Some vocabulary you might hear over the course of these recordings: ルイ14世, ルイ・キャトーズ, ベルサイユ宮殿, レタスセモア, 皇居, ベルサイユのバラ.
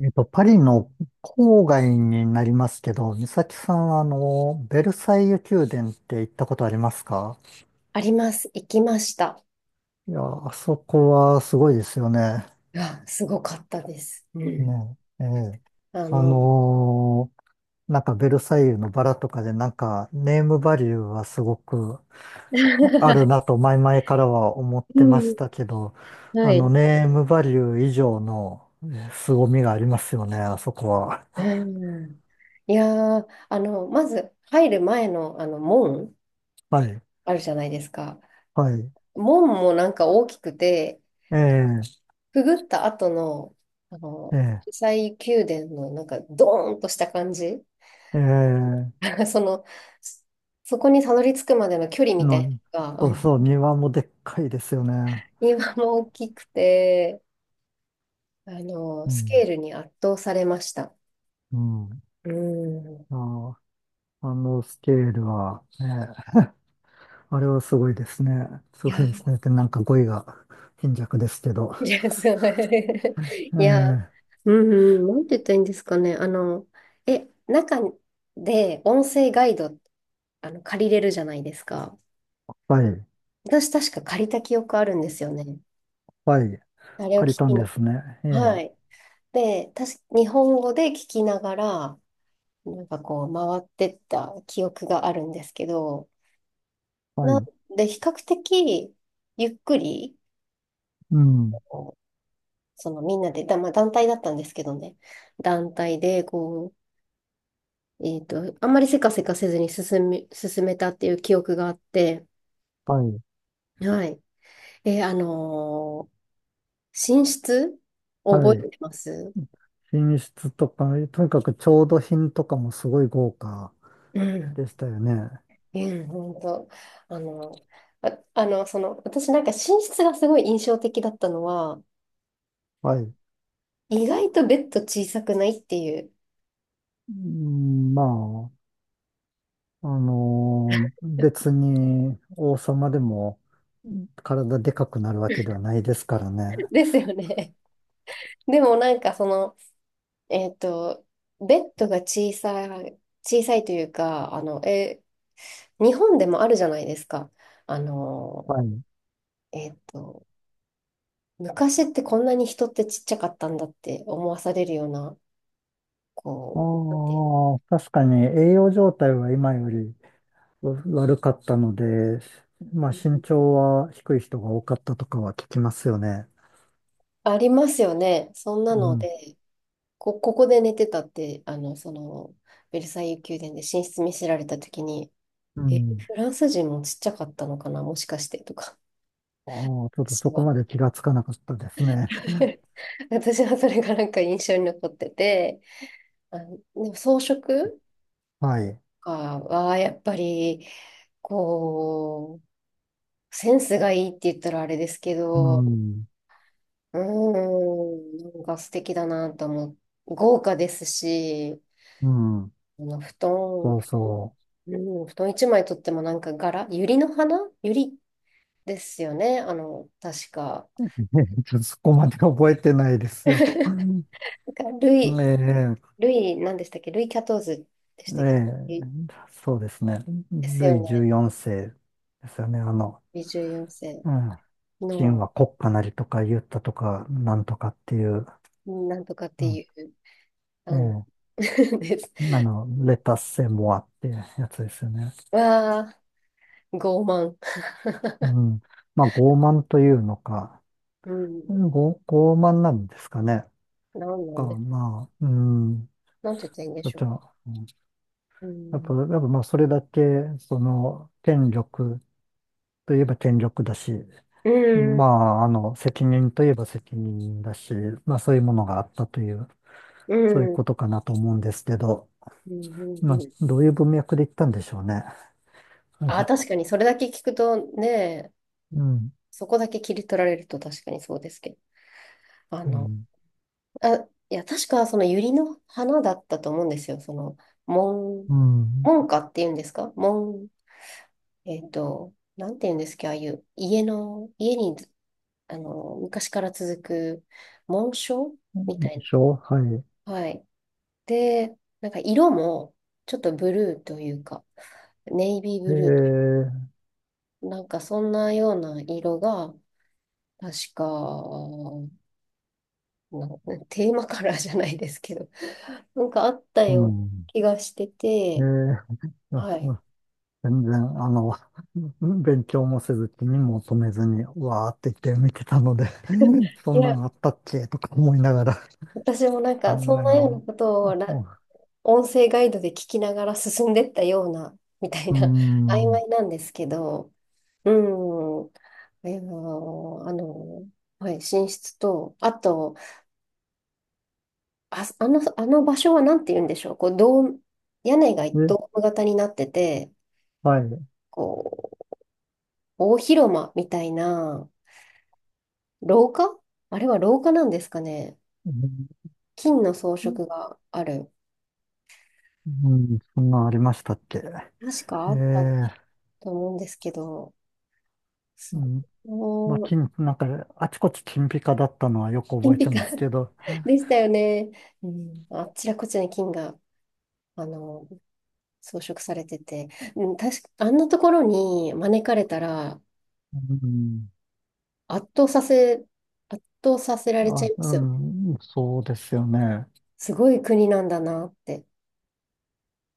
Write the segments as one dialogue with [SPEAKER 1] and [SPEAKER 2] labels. [SPEAKER 1] パリの郊外になりますけど、美咲さんは、ベルサイユ宮殿って行ったことありますか？
[SPEAKER 2] あります。行きました。
[SPEAKER 1] いや、あそこはすごいですよね。
[SPEAKER 2] いや、すごかったです。うん。
[SPEAKER 1] ね、ええ。
[SPEAKER 2] あ
[SPEAKER 1] あ
[SPEAKER 2] の、
[SPEAKER 1] のーなんかベルサイユのバラとかで、なんかネームバリューはすごくある なと前々からは思って
[SPEAKER 2] う
[SPEAKER 1] まし
[SPEAKER 2] ん。
[SPEAKER 1] たけど、
[SPEAKER 2] はい。
[SPEAKER 1] ネームバリュー以上の凄みがありますよね、あそこは。
[SPEAKER 2] うん。いやー、まず入る前の、門
[SPEAKER 1] はい、
[SPEAKER 2] あるじゃないですか。
[SPEAKER 1] はい。
[SPEAKER 2] 門もなんか大きくて、
[SPEAKER 1] ええ、
[SPEAKER 2] くぐった後の、あの、国
[SPEAKER 1] え
[SPEAKER 2] 際宮殿のなんかドーンとした感じ。
[SPEAKER 1] え、ええ。
[SPEAKER 2] その、そこにたどり着くまでの距離みたい
[SPEAKER 1] の
[SPEAKER 2] なのが、
[SPEAKER 1] そ
[SPEAKER 2] う
[SPEAKER 1] う
[SPEAKER 2] ん
[SPEAKER 1] そう、庭もでっかいですよね。
[SPEAKER 2] 今も大きくて、
[SPEAKER 1] う
[SPEAKER 2] スケ
[SPEAKER 1] ん、
[SPEAKER 2] ールに圧倒されました。
[SPEAKER 1] うん。
[SPEAKER 2] うん。
[SPEAKER 1] ああ、あのスケールは、ね、あれはすごいですね。
[SPEAKER 2] い
[SPEAKER 1] すご
[SPEAKER 2] や、
[SPEAKER 1] いですね。ってなんか語彙が貧弱ですけど。
[SPEAKER 2] いや、そう。
[SPEAKER 1] え
[SPEAKER 2] いや、
[SPEAKER 1] え、
[SPEAKER 2] うん、うんなんて言ったらいいんですかね。中で音声ガイド、借りれるじゃないですか。
[SPEAKER 1] はい、
[SPEAKER 2] 私、確か借りた記憶あるんですよね。
[SPEAKER 1] はい、
[SPEAKER 2] あれを聞
[SPEAKER 1] 借りたん
[SPEAKER 2] きに。
[SPEAKER 1] ですね。え
[SPEAKER 2] はい。
[SPEAKER 1] え、
[SPEAKER 2] で、確か日本語で聞きながら、なんかこう、回ってった記憶があるんですけど、
[SPEAKER 1] は
[SPEAKER 2] なん
[SPEAKER 1] い、
[SPEAKER 2] で、比較的、ゆっくり、
[SPEAKER 1] うん、
[SPEAKER 2] その、みんなで、まあ団体だったんですけどね。団体で、こう、あんまりせかせかせずに進めたっていう記憶があって、
[SPEAKER 1] はい、
[SPEAKER 2] はい。えーあのー寝室覚
[SPEAKER 1] はい。
[SPEAKER 2] えてます
[SPEAKER 1] 品質とか、とにかく調度品とかもすごい豪華
[SPEAKER 2] うん。
[SPEAKER 1] でしたよね。
[SPEAKER 2] うん、本当。あの私なんか寝室がすごい印象的だったのは、
[SPEAKER 1] はい。
[SPEAKER 2] 意外とベッド小さくないっていう。
[SPEAKER 1] うん、まあ、別に王様でも体でかくなるわけではないですからね。
[SPEAKER 2] ですよね。でもなんかその、えっと、ベッドが小さいというか、日本でもあるじゃないですか。あの、
[SPEAKER 1] はい。
[SPEAKER 2] えっと、昔ってこんなに人ってちっちゃかったんだって思わされるような、こう、なんていう
[SPEAKER 1] ああ、確かに栄養状態は今より悪かったので、まあ身
[SPEAKER 2] の
[SPEAKER 1] 長は低い人が多かったとかは聞きますよね。
[SPEAKER 2] ありますよね。そんな
[SPEAKER 1] う
[SPEAKER 2] の
[SPEAKER 1] ん。
[SPEAKER 2] で、ここで寝てたって、ベルサイユ宮殿で寝室見せられたときに、
[SPEAKER 1] うん。
[SPEAKER 2] フランス人もちっちゃかったのかな、もしかしてとか、
[SPEAKER 1] ああ、ちょっと
[SPEAKER 2] 私
[SPEAKER 1] そこ
[SPEAKER 2] は
[SPEAKER 1] まで気がつかなかったですね。
[SPEAKER 2] 私はそれがなんか印象に残ってて、でも装飾と
[SPEAKER 1] はい。
[SPEAKER 2] かはやっぱり、こう、センスがいいって言ったらあれですけ
[SPEAKER 1] う
[SPEAKER 2] ど、
[SPEAKER 1] ん。
[SPEAKER 2] うーん、なんか素敵だなと思う。豪華ですし、
[SPEAKER 1] うん。
[SPEAKER 2] あの布団、
[SPEAKER 1] そうそう。
[SPEAKER 2] うん、布団一枚とってもなんか柄、百合の花百合ですよね、あの、確か。
[SPEAKER 1] ちょっとそこまで覚えてないで すよ。
[SPEAKER 2] な んか
[SPEAKER 1] ねえ
[SPEAKER 2] ルイ、何でしたっけルイ・キャトーズでした
[SPEAKER 1] え
[SPEAKER 2] っけ
[SPEAKER 1] え、そうですね。
[SPEAKER 2] です
[SPEAKER 1] ル
[SPEAKER 2] よ
[SPEAKER 1] イ
[SPEAKER 2] ね。
[SPEAKER 1] 14世ですよね。
[SPEAKER 2] 24
[SPEAKER 1] うん。
[SPEAKER 2] 世
[SPEAKER 1] 秦
[SPEAKER 2] の
[SPEAKER 1] は国家なりとか言ったとか、なんとかっていう、
[SPEAKER 2] なんとかっ
[SPEAKER 1] う
[SPEAKER 2] て
[SPEAKER 1] ん。
[SPEAKER 2] いう、あ
[SPEAKER 1] え
[SPEAKER 2] です。
[SPEAKER 1] え、レタスセモアってやつですよね。
[SPEAKER 2] わあ、傲慢。
[SPEAKER 1] うん。まあ、傲慢というのか、
[SPEAKER 2] うん。
[SPEAKER 1] ご傲慢なんですかね。
[SPEAKER 2] な
[SPEAKER 1] か、
[SPEAKER 2] んで、
[SPEAKER 1] まあ、うん。
[SPEAKER 2] なんて言ったらいいんで
[SPEAKER 1] そ
[SPEAKER 2] し
[SPEAKER 1] っち
[SPEAKER 2] ょ
[SPEAKER 1] うん
[SPEAKER 2] う。う
[SPEAKER 1] やっぱ、
[SPEAKER 2] ん。
[SPEAKER 1] やっぱまあ、それだけ、その、権力といえば権力だし、
[SPEAKER 2] う
[SPEAKER 1] ま
[SPEAKER 2] ん。
[SPEAKER 1] あ、責任といえば責任だし、まあそういうものがあったという、
[SPEAKER 2] う
[SPEAKER 1] そういう
[SPEAKER 2] ん。
[SPEAKER 1] ことかなと思うんですけど、
[SPEAKER 2] うん。
[SPEAKER 1] まあ、
[SPEAKER 2] うん。
[SPEAKER 1] どういう文脈で言ったんでしょうね。
[SPEAKER 2] あ、確かにそれだけ聞くとね、
[SPEAKER 1] うん、
[SPEAKER 2] そこだけ切り取られると確かにそうですけど。あ
[SPEAKER 1] う
[SPEAKER 2] の、
[SPEAKER 1] ん、
[SPEAKER 2] あ、いや、確かその百合の花だったと思うんですよ。その、門、
[SPEAKER 1] うん。
[SPEAKER 2] 門下っていうんですか、門、なんて言うんですか、ああいう家に、あの、昔から続く紋章みた
[SPEAKER 1] で
[SPEAKER 2] い
[SPEAKER 1] しょはい。
[SPEAKER 2] な。はい。で、なんか色も、ちょっとブルーというか、ネイビー
[SPEAKER 1] え
[SPEAKER 2] ブル
[SPEAKER 1] ー、
[SPEAKER 2] ー、なんかそんなような色が、確か、なテーマカラーじゃないですけど、なんかあった
[SPEAKER 1] う
[SPEAKER 2] ような
[SPEAKER 1] ん。
[SPEAKER 2] 気がして
[SPEAKER 1] え
[SPEAKER 2] て、
[SPEAKER 1] ー、あ
[SPEAKER 2] はい。
[SPEAKER 1] あ全然、あの、勉強もせず、気にも留めずに、わーって言って見てたので そ
[SPEAKER 2] い
[SPEAKER 1] んな
[SPEAKER 2] や、
[SPEAKER 1] んあったっけとか思いながら。
[SPEAKER 2] 私もなん
[SPEAKER 1] う
[SPEAKER 2] か
[SPEAKER 1] ん、
[SPEAKER 2] そんなよう
[SPEAKER 1] ね、
[SPEAKER 2] なことを
[SPEAKER 1] う
[SPEAKER 2] ら音声ガイドで聞きながら進んでったような、みたいな、曖
[SPEAKER 1] ん。うん
[SPEAKER 2] 昧なんですけど、うん、えーあの、はい、寝室と、あと、あの場所はなんて言うんでしょう、こう、ドーム、屋根が
[SPEAKER 1] で、
[SPEAKER 2] ドーム型になってて、
[SPEAKER 1] はい。
[SPEAKER 2] こう、大広間みたいな、廊下あれは廊下なんですかね。
[SPEAKER 1] うん、
[SPEAKER 2] 金の装飾がある。
[SPEAKER 1] うんそんなんありましたっけ。
[SPEAKER 2] 確か
[SPEAKER 1] え
[SPEAKER 2] あった
[SPEAKER 1] え、
[SPEAKER 2] と思うんですけど、
[SPEAKER 1] う
[SPEAKER 2] そ
[SPEAKER 1] ん、
[SPEAKER 2] う。
[SPEAKER 1] まあ、
[SPEAKER 2] もう、
[SPEAKER 1] 金、なんか、あちこち金ピカだったのはよく覚
[SPEAKER 2] 金
[SPEAKER 1] えて
[SPEAKER 2] ピカ。
[SPEAKER 1] ますけど、
[SPEAKER 2] でしたよね。うん、あちらこちらに金が、あの、装飾されてて、うん、確か、あんなところに招かれたら、
[SPEAKER 1] うん、
[SPEAKER 2] 圧倒させ、圧倒させられちゃ
[SPEAKER 1] あ、
[SPEAKER 2] いま
[SPEAKER 1] う
[SPEAKER 2] すよね。
[SPEAKER 1] ん、そうですよね。
[SPEAKER 2] すごい国なんだなって、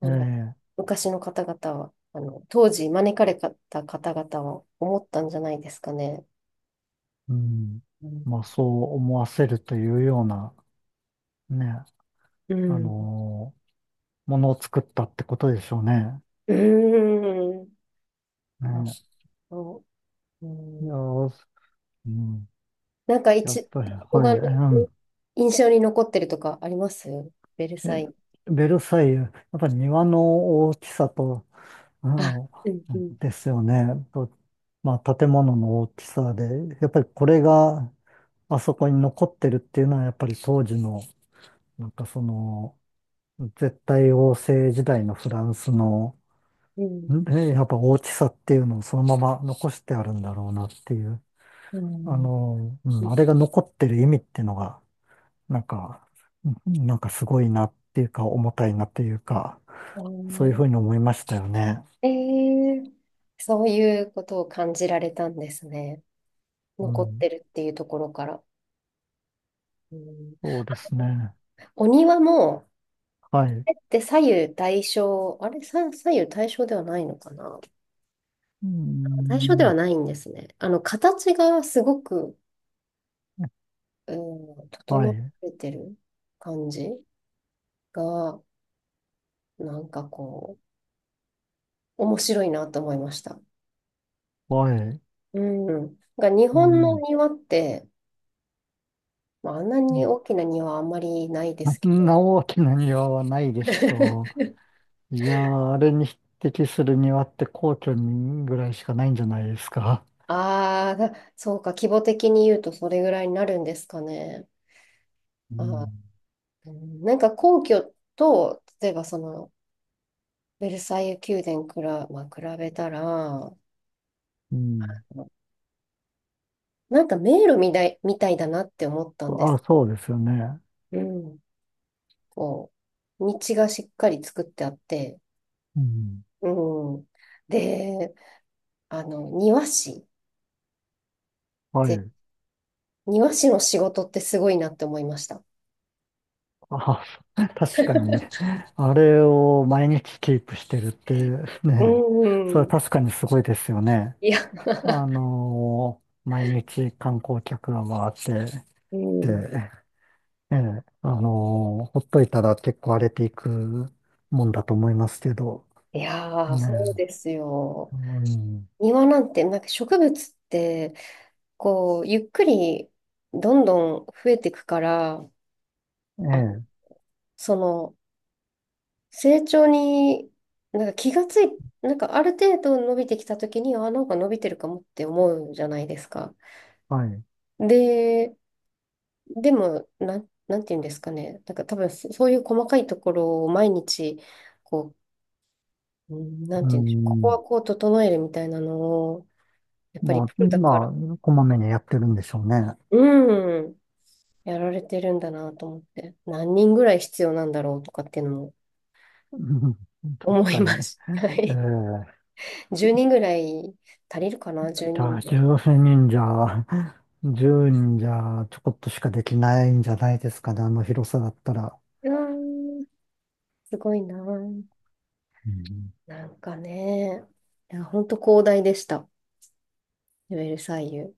[SPEAKER 2] あ
[SPEAKER 1] え
[SPEAKER 2] の、
[SPEAKER 1] え、
[SPEAKER 2] 昔の方々は、当時招かれた方々は思ったんじゃないですかね。
[SPEAKER 1] うん、
[SPEAKER 2] うん。
[SPEAKER 1] まあ、そう思わせるというような、ね、
[SPEAKER 2] う
[SPEAKER 1] あ
[SPEAKER 2] ん。
[SPEAKER 1] のものを作ったってことでしょうね。
[SPEAKER 2] うん。あ
[SPEAKER 1] ね、
[SPEAKER 2] と、う
[SPEAKER 1] いや
[SPEAKER 2] ん
[SPEAKER 1] ー、うん、
[SPEAKER 2] なんか
[SPEAKER 1] やっぱり、
[SPEAKER 2] ここ
[SPEAKER 1] はい、
[SPEAKER 2] が
[SPEAKER 1] うん。
[SPEAKER 2] 印象に残ってるとかありますベルサイ
[SPEAKER 1] え
[SPEAKER 2] ユ。
[SPEAKER 1] ベルサイユ、やっぱり庭の大きさと、う
[SPEAKER 2] あ、うんう
[SPEAKER 1] ん、
[SPEAKER 2] ん、
[SPEAKER 1] ですよね。と、まあ、建物の大きさで、やっぱりこれがあそこに残ってるっていうのは、やっぱり当時の、なんかその、絶対王政時代のフランスの、
[SPEAKER 2] うん。
[SPEAKER 1] ねやっぱ大きさっていうのをそのまま残してあるんだろうなっていう、
[SPEAKER 2] うん。
[SPEAKER 1] うん、あれが残ってる意味っていうのが、なんか、うんなんかすごいなっていうか、重たいなっていうか、
[SPEAKER 2] う
[SPEAKER 1] そういうふ
[SPEAKER 2] ん
[SPEAKER 1] うに思いましたよね。
[SPEAKER 2] えー、そういうことを感じられたんですね。
[SPEAKER 1] う
[SPEAKER 2] 残っ
[SPEAKER 1] ん、
[SPEAKER 2] てるっていうところから。うん、
[SPEAKER 1] そうですね。
[SPEAKER 2] お庭も、
[SPEAKER 1] はい。う
[SPEAKER 2] あって左右対称、あれ、左右対称ではないのかな、
[SPEAKER 1] ー
[SPEAKER 2] 対称で
[SPEAKER 1] ん。
[SPEAKER 2] はないんですね。形がすごく、うん、
[SPEAKER 1] は
[SPEAKER 2] 整っ
[SPEAKER 1] い。
[SPEAKER 2] ててる感じが、なんかこう、面白いなと思いました。
[SPEAKER 1] はい。
[SPEAKER 2] うん。が日
[SPEAKER 1] う
[SPEAKER 2] 本の
[SPEAKER 1] ん。
[SPEAKER 2] 庭って、まあ、あんなに大きな庭はあんまりないです
[SPEAKER 1] そ
[SPEAKER 2] け
[SPEAKER 1] ん
[SPEAKER 2] ど。
[SPEAKER 1] な大きな庭 はないでしょ う。いやー、あれに匹敵する庭って皇居にぐらいしかないんじゃないですか。
[SPEAKER 2] ああ、そうか、規模的に言うとそれぐらいになるんですかね。
[SPEAKER 1] う
[SPEAKER 2] あ
[SPEAKER 1] ん。
[SPEAKER 2] ー、うんなんか皇居と、例えばその、ベルサイユ宮殿くら、まあ、比べたら、
[SPEAKER 1] うん。
[SPEAKER 2] なんか迷路みたいだなって思ったんで
[SPEAKER 1] あ、
[SPEAKER 2] す。
[SPEAKER 1] そうですよね。
[SPEAKER 2] うん。こう、道がしっかり作ってあって、
[SPEAKER 1] うん。
[SPEAKER 2] うん。で、あの、庭師っ
[SPEAKER 1] は
[SPEAKER 2] て、
[SPEAKER 1] い。
[SPEAKER 2] 庭師の仕事ってすごいなって思いました。
[SPEAKER 1] あ、確かに。あれを毎日キープしてるって
[SPEAKER 2] う
[SPEAKER 1] ね、それ
[SPEAKER 2] んう
[SPEAKER 1] は
[SPEAKER 2] ん、
[SPEAKER 1] 確かにすごいですよね。
[SPEAKER 2] いや、
[SPEAKER 1] 毎日観光客が回って、
[SPEAKER 2] う
[SPEAKER 1] で
[SPEAKER 2] ん、
[SPEAKER 1] ええ、ほっといたら結構荒れていくもんだと思いますけど、
[SPEAKER 2] いやー、
[SPEAKER 1] ね
[SPEAKER 2] そうです
[SPEAKER 1] え、
[SPEAKER 2] よ。
[SPEAKER 1] うん、
[SPEAKER 2] 庭なんて、なんか植物って、こう、ゆっくりどんどん増えていくから、
[SPEAKER 1] え
[SPEAKER 2] あ、
[SPEAKER 1] え、
[SPEAKER 2] その、成長に、なんか気がつい、なんかある程度伸びてきた時に、あ、なんか伸びてるかもって思うじゃないですか。
[SPEAKER 1] はい、
[SPEAKER 2] で、でも、なんていうんですかね。なんか多分そういう細かいところを毎日、こう、うんな
[SPEAKER 1] う
[SPEAKER 2] んていうんでしょう。ここ
[SPEAKER 1] ん、
[SPEAKER 2] はこう整えるみたいなのを、やっぱり
[SPEAKER 1] ま
[SPEAKER 2] プ
[SPEAKER 1] あ、
[SPEAKER 2] ロだか
[SPEAKER 1] ま
[SPEAKER 2] ら、
[SPEAKER 1] あ、こまめにやってるんでしょうね。
[SPEAKER 2] うん、やられてるんだなと思って、何人ぐらい必要なんだろうとかっていうのも
[SPEAKER 1] うん確
[SPEAKER 2] 思い
[SPEAKER 1] かに。
[SPEAKER 2] ま
[SPEAKER 1] え
[SPEAKER 2] す。は
[SPEAKER 1] え、
[SPEAKER 2] い。10人ぐらい足りるかな、10
[SPEAKER 1] じゃ
[SPEAKER 2] 人
[SPEAKER 1] あ、
[SPEAKER 2] で。
[SPEAKER 1] 0人じゃ、10人じゃ、ちょこっとしかできないんじゃないですかね、あの広さだったら。
[SPEAKER 2] うん、すごいな。
[SPEAKER 1] うん
[SPEAKER 2] なんかね、いや、本当広大でした。ウェルサイユ。